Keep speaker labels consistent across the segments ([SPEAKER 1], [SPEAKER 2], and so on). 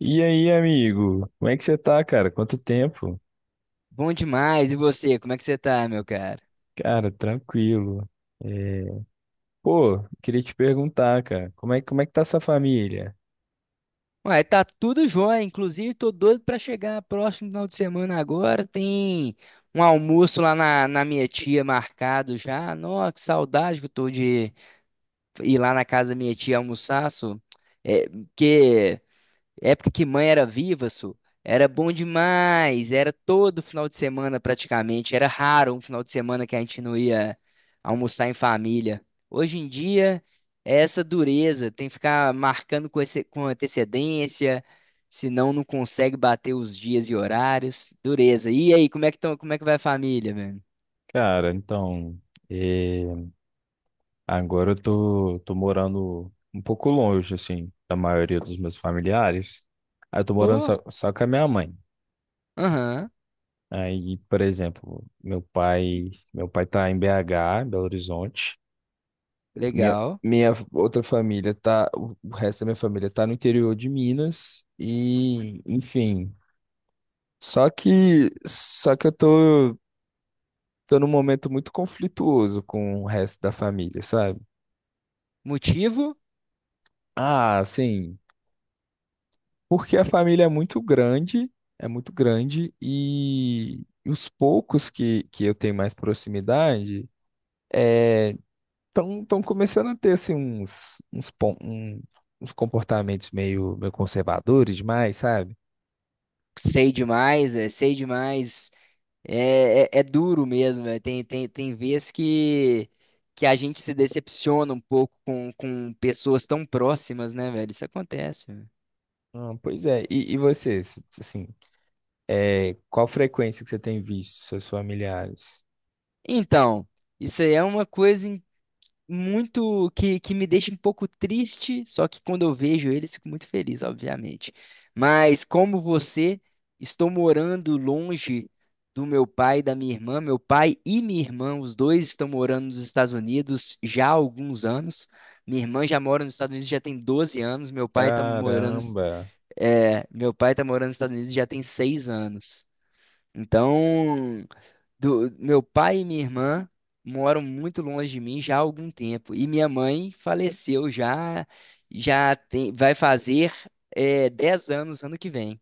[SPEAKER 1] E aí, amigo? Como é que você tá, cara? Quanto tempo?
[SPEAKER 2] Bom demais. E você, como é que você tá, meu cara?
[SPEAKER 1] Cara, tranquilo. É, Pô, queria te perguntar, cara, como é que tá sua família?
[SPEAKER 2] Ué, tá tudo jóia. Inclusive, tô doido pra chegar próximo final de semana agora. Tem um almoço lá na minha tia marcado já. Nossa, que saudade que eu tô de ir lá na casa da minha tia almoçar, só. É, porque Época que mãe era viva, era bom demais. Era todo final de semana praticamente. Era raro um final de semana que a gente não ia almoçar em família. Hoje em dia é essa dureza, tem que ficar marcando com antecedência, senão não consegue bater os dias e horários. Dureza. E aí, como é que tão, como é que vai a família, velho?
[SPEAKER 1] Cara, então, é, agora eu tô morando um pouco longe, assim, da maioria dos meus familiares. Aí eu tô morando
[SPEAKER 2] Pô,
[SPEAKER 1] só com a minha mãe.
[SPEAKER 2] aham,
[SPEAKER 1] Aí, por exemplo, meu pai tá em BH, Belo Horizonte. Minha,
[SPEAKER 2] legal.
[SPEAKER 1] minha outra família tá, o resto da minha família tá no interior de Minas e, enfim. Só que eu tô num momento muito conflituoso com o resto da família, sabe?
[SPEAKER 2] Motivo?
[SPEAKER 1] Ah, sim, porque a família é muito grande e os poucos que eu tenho mais proximidade é, tão começando a ter assim uns comportamentos meio conservadores demais, sabe?
[SPEAKER 2] Sei demais, é, sei demais. É duro mesmo, é. Tem vezes que a gente se decepciona um pouco com pessoas tão próximas, né, velho? Isso acontece, velho.
[SPEAKER 1] Ah, pois é. E, assim, é, qual frequência que você tem visto seus familiares?
[SPEAKER 2] Então, isso aí é uma coisa muito que me deixa um pouco triste, só que quando eu vejo eles fico muito feliz, obviamente. Mas como você, estou morando longe do meu pai e da minha irmã. Meu pai e minha irmã, os dois estão morando nos Estados Unidos já há alguns anos. Minha irmã já mora nos Estados Unidos já tem 12 anos.
[SPEAKER 1] Caramba,
[SPEAKER 2] Meu pai tá morando nos Estados Unidos já tem 6 anos. Então, meu pai e minha irmã moram muito longe de mim já há algum tempo. E minha mãe faleceu já, já tem, vai fazer 10 anos ano que vem.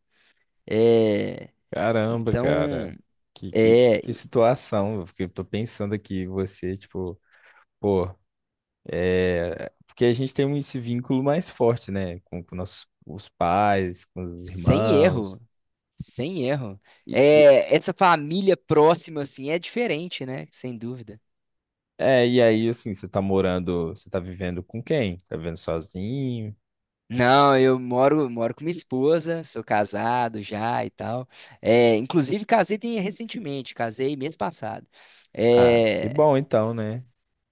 [SPEAKER 2] É,
[SPEAKER 1] caramba,
[SPEAKER 2] então,
[SPEAKER 1] cara. Que
[SPEAKER 2] é,
[SPEAKER 1] situação, porque eu tô pensando aqui, você, tipo, pô, é, porque a gente tem esse vínculo mais forte, né, com nossos os pais, com os
[SPEAKER 2] sem
[SPEAKER 1] irmãos,
[SPEAKER 2] erro, sem erro.
[SPEAKER 1] e, e-
[SPEAKER 2] É, essa família próxima, assim, é diferente, né? Sem dúvida.
[SPEAKER 1] é, e aí, assim, você tá vivendo com quem? Tá vivendo sozinho?
[SPEAKER 2] Não, moro com minha esposa, sou casado já e tal. É, inclusive, recentemente, casei mês passado.
[SPEAKER 1] Ah, que
[SPEAKER 2] É,
[SPEAKER 1] bom então, né,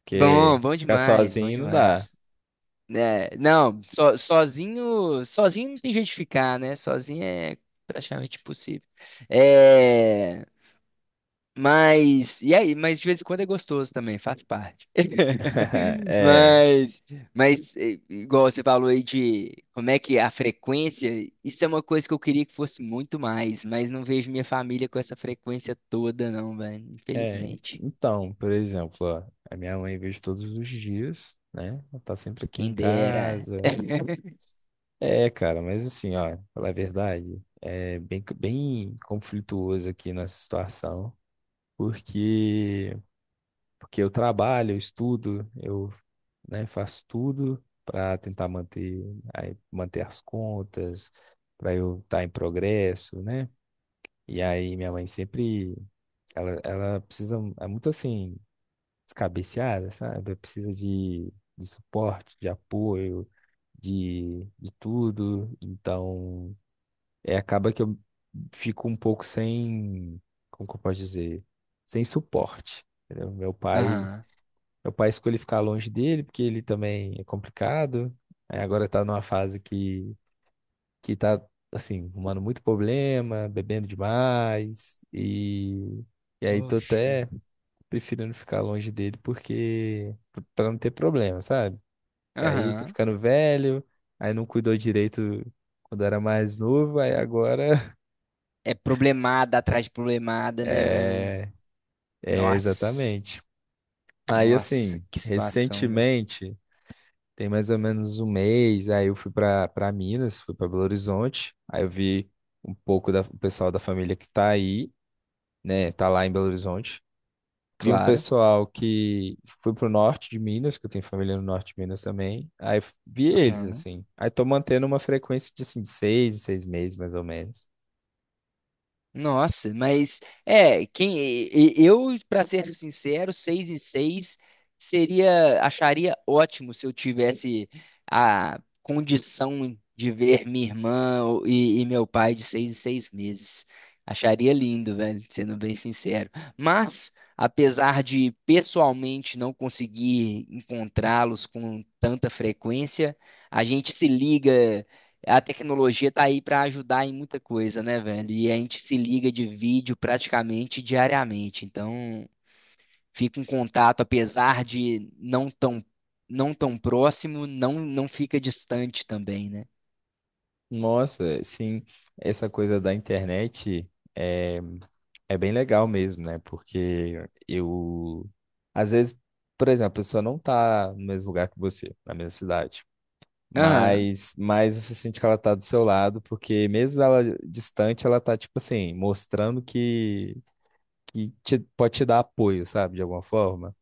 [SPEAKER 1] porque...
[SPEAKER 2] bom, bom
[SPEAKER 1] Ficar
[SPEAKER 2] demais, bom
[SPEAKER 1] sozinho não dá.
[SPEAKER 2] demais. É, não, sozinho, sozinho não tem jeito de ficar, né? Sozinho é praticamente impossível. É, mas, e aí? Mas de vez em quando é gostoso também, faz parte.
[SPEAKER 1] É,
[SPEAKER 2] Mas, igual você falou aí de como é que é a frequência, isso é uma coisa que eu queria que fosse muito mais, mas não vejo minha família com essa frequência toda, não, velho.
[SPEAKER 1] é.
[SPEAKER 2] Infelizmente.
[SPEAKER 1] Então, por exemplo, ó, a minha mãe vejo todos os dias, né? Ela tá sempre aqui em
[SPEAKER 2] Quem dera.
[SPEAKER 1] casa. É, cara, mas assim, ó, falar a verdade, é bem conflituoso aqui nessa situação, porque porque eu trabalho, eu estudo, eu, né, faço tudo para tentar manter, aí, manter as contas, para eu estar em progresso, né? E aí minha mãe sempre, ela precisa, é muito assim descabeceada, sabe? Precisa de suporte, de apoio, de tudo. Então, é, acaba que eu fico um pouco sem, como que eu posso dizer? Sem suporte, entendeu?
[SPEAKER 2] Aham.
[SPEAKER 1] Meu pai escolheu ficar longe dele, porque ele também é complicado. Aí agora tá numa fase que tá, assim, arrumando muito problema, bebendo demais e... E aí tô
[SPEAKER 2] Oxa.
[SPEAKER 1] até preferindo ficar longe dele porque para não ter problema, sabe? E aí tô
[SPEAKER 2] Aham.
[SPEAKER 1] ficando velho, aí não cuidou direito quando era mais novo, aí agora
[SPEAKER 2] É problemada atrás de problemada, né, velho?
[SPEAKER 1] é, é
[SPEAKER 2] Nossa.
[SPEAKER 1] exatamente. Aí
[SPEAKER 2] Nossa,
[SPEAKER 1] assim,
[SPEAKER 2] que situação, velho.
[SPEAKER 1] recentemente, tem mais ou menos um mês, aí eu fui para Minas, fui para Belo Horizonte, aí eu vi um pouco do pessoal da família que tá aí, né? Tá lá em Belo Horizonte. Vi um
[SPEAKER 2] Claro.
[SPEAKER 1] pessoal que foi pro norte de Minas, que eu tenho família no norte de Minas também. Vi eles, assim. Aí tô mantendo uma frequência de, assim, seis em seis meses, mais ou menos.
[SPEAKER 2] Nossa, mas é, eu, para ser sincero, seis em seis seria, acharia ótimo se eu tivesse a condição de ver minha irmã e meu pai de seis em seis meses. Acharia lindo, velho, sendo bem sincero. Mas, apesar de pessoalmente não conseguir encontrá-los com tanta frequência, a gente se liga, a tecnologia tá aí para ajudar em muita coisa, né, velho? E a gente se liga de vídeo praticamente diariamente. Então, fica um contato, apesar de não tão próximo, não, não fica distante também, né?
[SPEAKER 1] Nossa, sim, essa coisa da internet é, é bem legal mesmo, né? Porque eu, às vezes, por exemplo, a pessoa não tá no mesmo lugar que você, na mesma cidade.
[SPEAKER 2] Aham.
[SPEAKER 1] Mas você sente que ela tá do seu lado, porque mesmo ela distante, ela tá, tipo assim, mostrando pode te dar apoio, sabe, de alguma forma.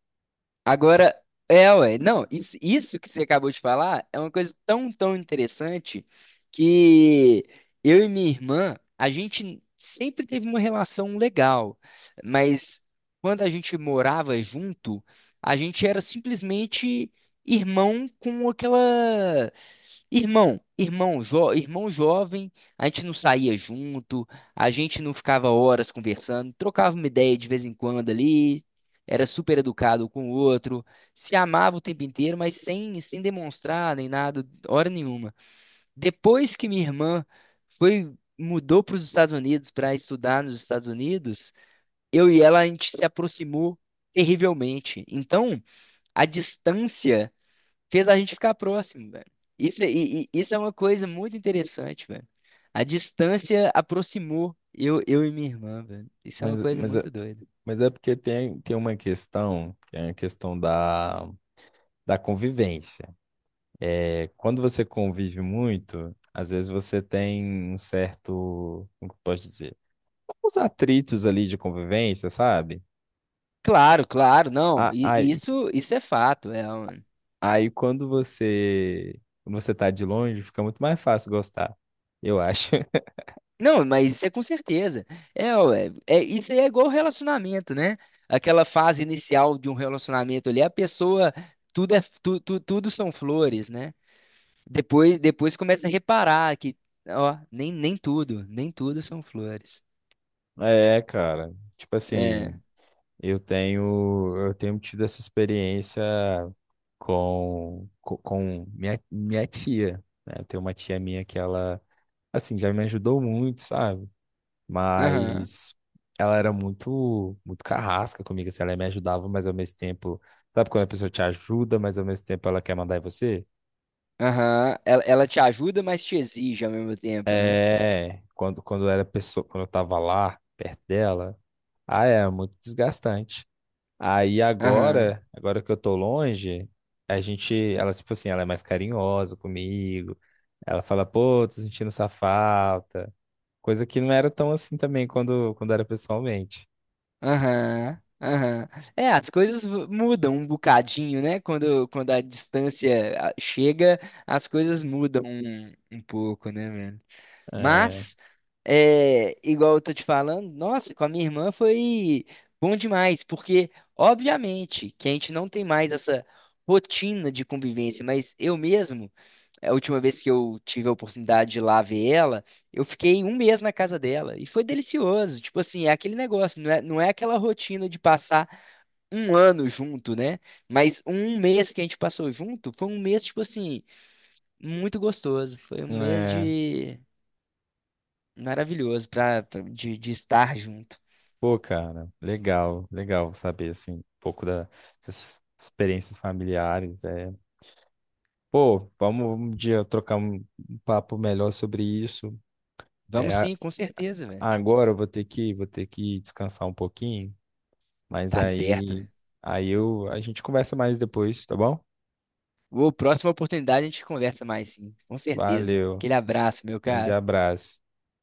[SPEAKER 2] Agora, é, ué, não, isso que você acabou de falar é uma coisa tão, tão interessante que eu e minha irmã, a gente sempre teve uma relação legal, mas quando a gente morava junto, a gente era simplesmente irmão com aquela. Irmão jovem, a gente não saía junto, a gente não ficava horas conversando, trocava uma ideia de vez em quando ali, era super educado com o outro, se amava o tempo inteiro, mas sem, sem demonstrar nem nada, hora nenhuma. Depois que minha irmã foi Mudou para os Estados Unidos para estudar nos Estados Unidos, eu e ela a gente se aproximou terrivelmente. Então, a distância fez a gente ficar próximo, velho. Isso é uma coisa muito interessante, velho. A distância aproximou eu e minha irmã, velho. Isso é uma
[SPEAKER 1] Mas,
[SPEAKER 2] coisa
[SPEAKER 1] mas, é-
[SPEAKER 2] muito doida.
[SPEAKER 1] mas é porque tem, tem uma questão, que é a questão da convivência. É, quando você convive muito, às vezes você tem um certo, como que eu posso dizer, uns atritos ali de convivência, sabe?
[SPEAKER 2] Claro, claro, não.
[SPEAKER 1] A-
[SPEAKER 2] E
[SPEAKER 1] Aí,
[SPEAKER 2] isso é fato.
[SPEAKER 1] aí quando você tá de longe, fica muito mais fácil gostar, eu acho.
[SPEAKER 2] Não, mas isso é com certeza. É, ué, é, isso aí é igual relacionamento, né? Aquela fase inicial de um relacionamento ali, a pessoa, tudo é, tu, tu- tudo são flores, né? Depois, depois começa a reparar que, ó, nem tudo, nem tudo são flores.
[SPEAKER 1] É, cara. Tipo
[SPEAKER 2] É,
[SPEAKER 1] assim. Eu tenho tido essa experiência com, minha tia, né? Eu tenho uma tia minha que ela, assim, já me ajudou muito, sabe?
[SPEAKER 2] aham,
[SPEAKER 1] Mas ela era muito carrasca comigo, assim, ela me ajudava, mas ao mesmo tempo, sabe quando a pessoa te ajuda, mas ao mesmo tempo ela quer mandar em você?
[SPEAKER 2] aham. Ela te ajuda, mas te exige ao mesmo tempo, né?
[SPEAKER 1] É, quando era pessoa, quando eu tava lá, perto dela, ah, é muito desgastante.
[SPEAKER 2] Aham.
[SPEAKER 1] Agora que eu tô longe, a gente, ela, tipo assim, ela é mais carinhosa comigo. Ela fala, pô, tô sentindo sua falta. Coisa que não era tão assim também quando era pessoalmente.
[SPEAKER 2] Aham, aham. Mudam um bocadinho, né? Quando a distância ah, chega, as coisas mudam um, um pouco, né, velho?
[SPEAKER 1] É,
[SPEAKER 2] Mas, é, igual eu tô te falando, nossa, com a minha irmã foi bom demais, porque, obviamente, que a gente não tem mais essa rotina de convivência, mas eu mesmo a última vez que eu tive a oportunidade de ir lá ver ela, eu fiquei um mês na casa dela e foi delicioso. Tipo assim, é aquele negócio, não é aquela rotina de passar um ano junto, né? Mas um mês que a gente passou junto foi um mês, tipo assim, muito gostoso. Foi um mês
[SPEAKER 1] é,
[SPEAKER 2] de maravilhoso pra, pra- de estar junto.
[SPEAKER 1] pô, cara, legal saber, assim, um pouco dessas experiências familiares. É. Pô, vamos um dia trocar um papo melhor sobre isso. É,
[SPEAKER 2] Vamos
[SPEAKER 1] a-
[SPEAKER 2] sim, com certeza, velho.
[SPEAKER 1] agora eu vou ter vou ter que descansar um pouquinho. Mas
[SPEAKER 2] Tá certo.
[SPEAKER 1] aí, aí eu, a gente conversa mais depois, tá bom?
[SPEAKER 2] Ô, próxima oportunidade a gente conversa mais sim, com certeza.
[SPEAKER 1] Valeu.
[SPEAKER 2] Aquele abraço, meu
[SPEAKER 1] Grande
[SPEAKER 2] cara.
[SPEAKER 1] abraço.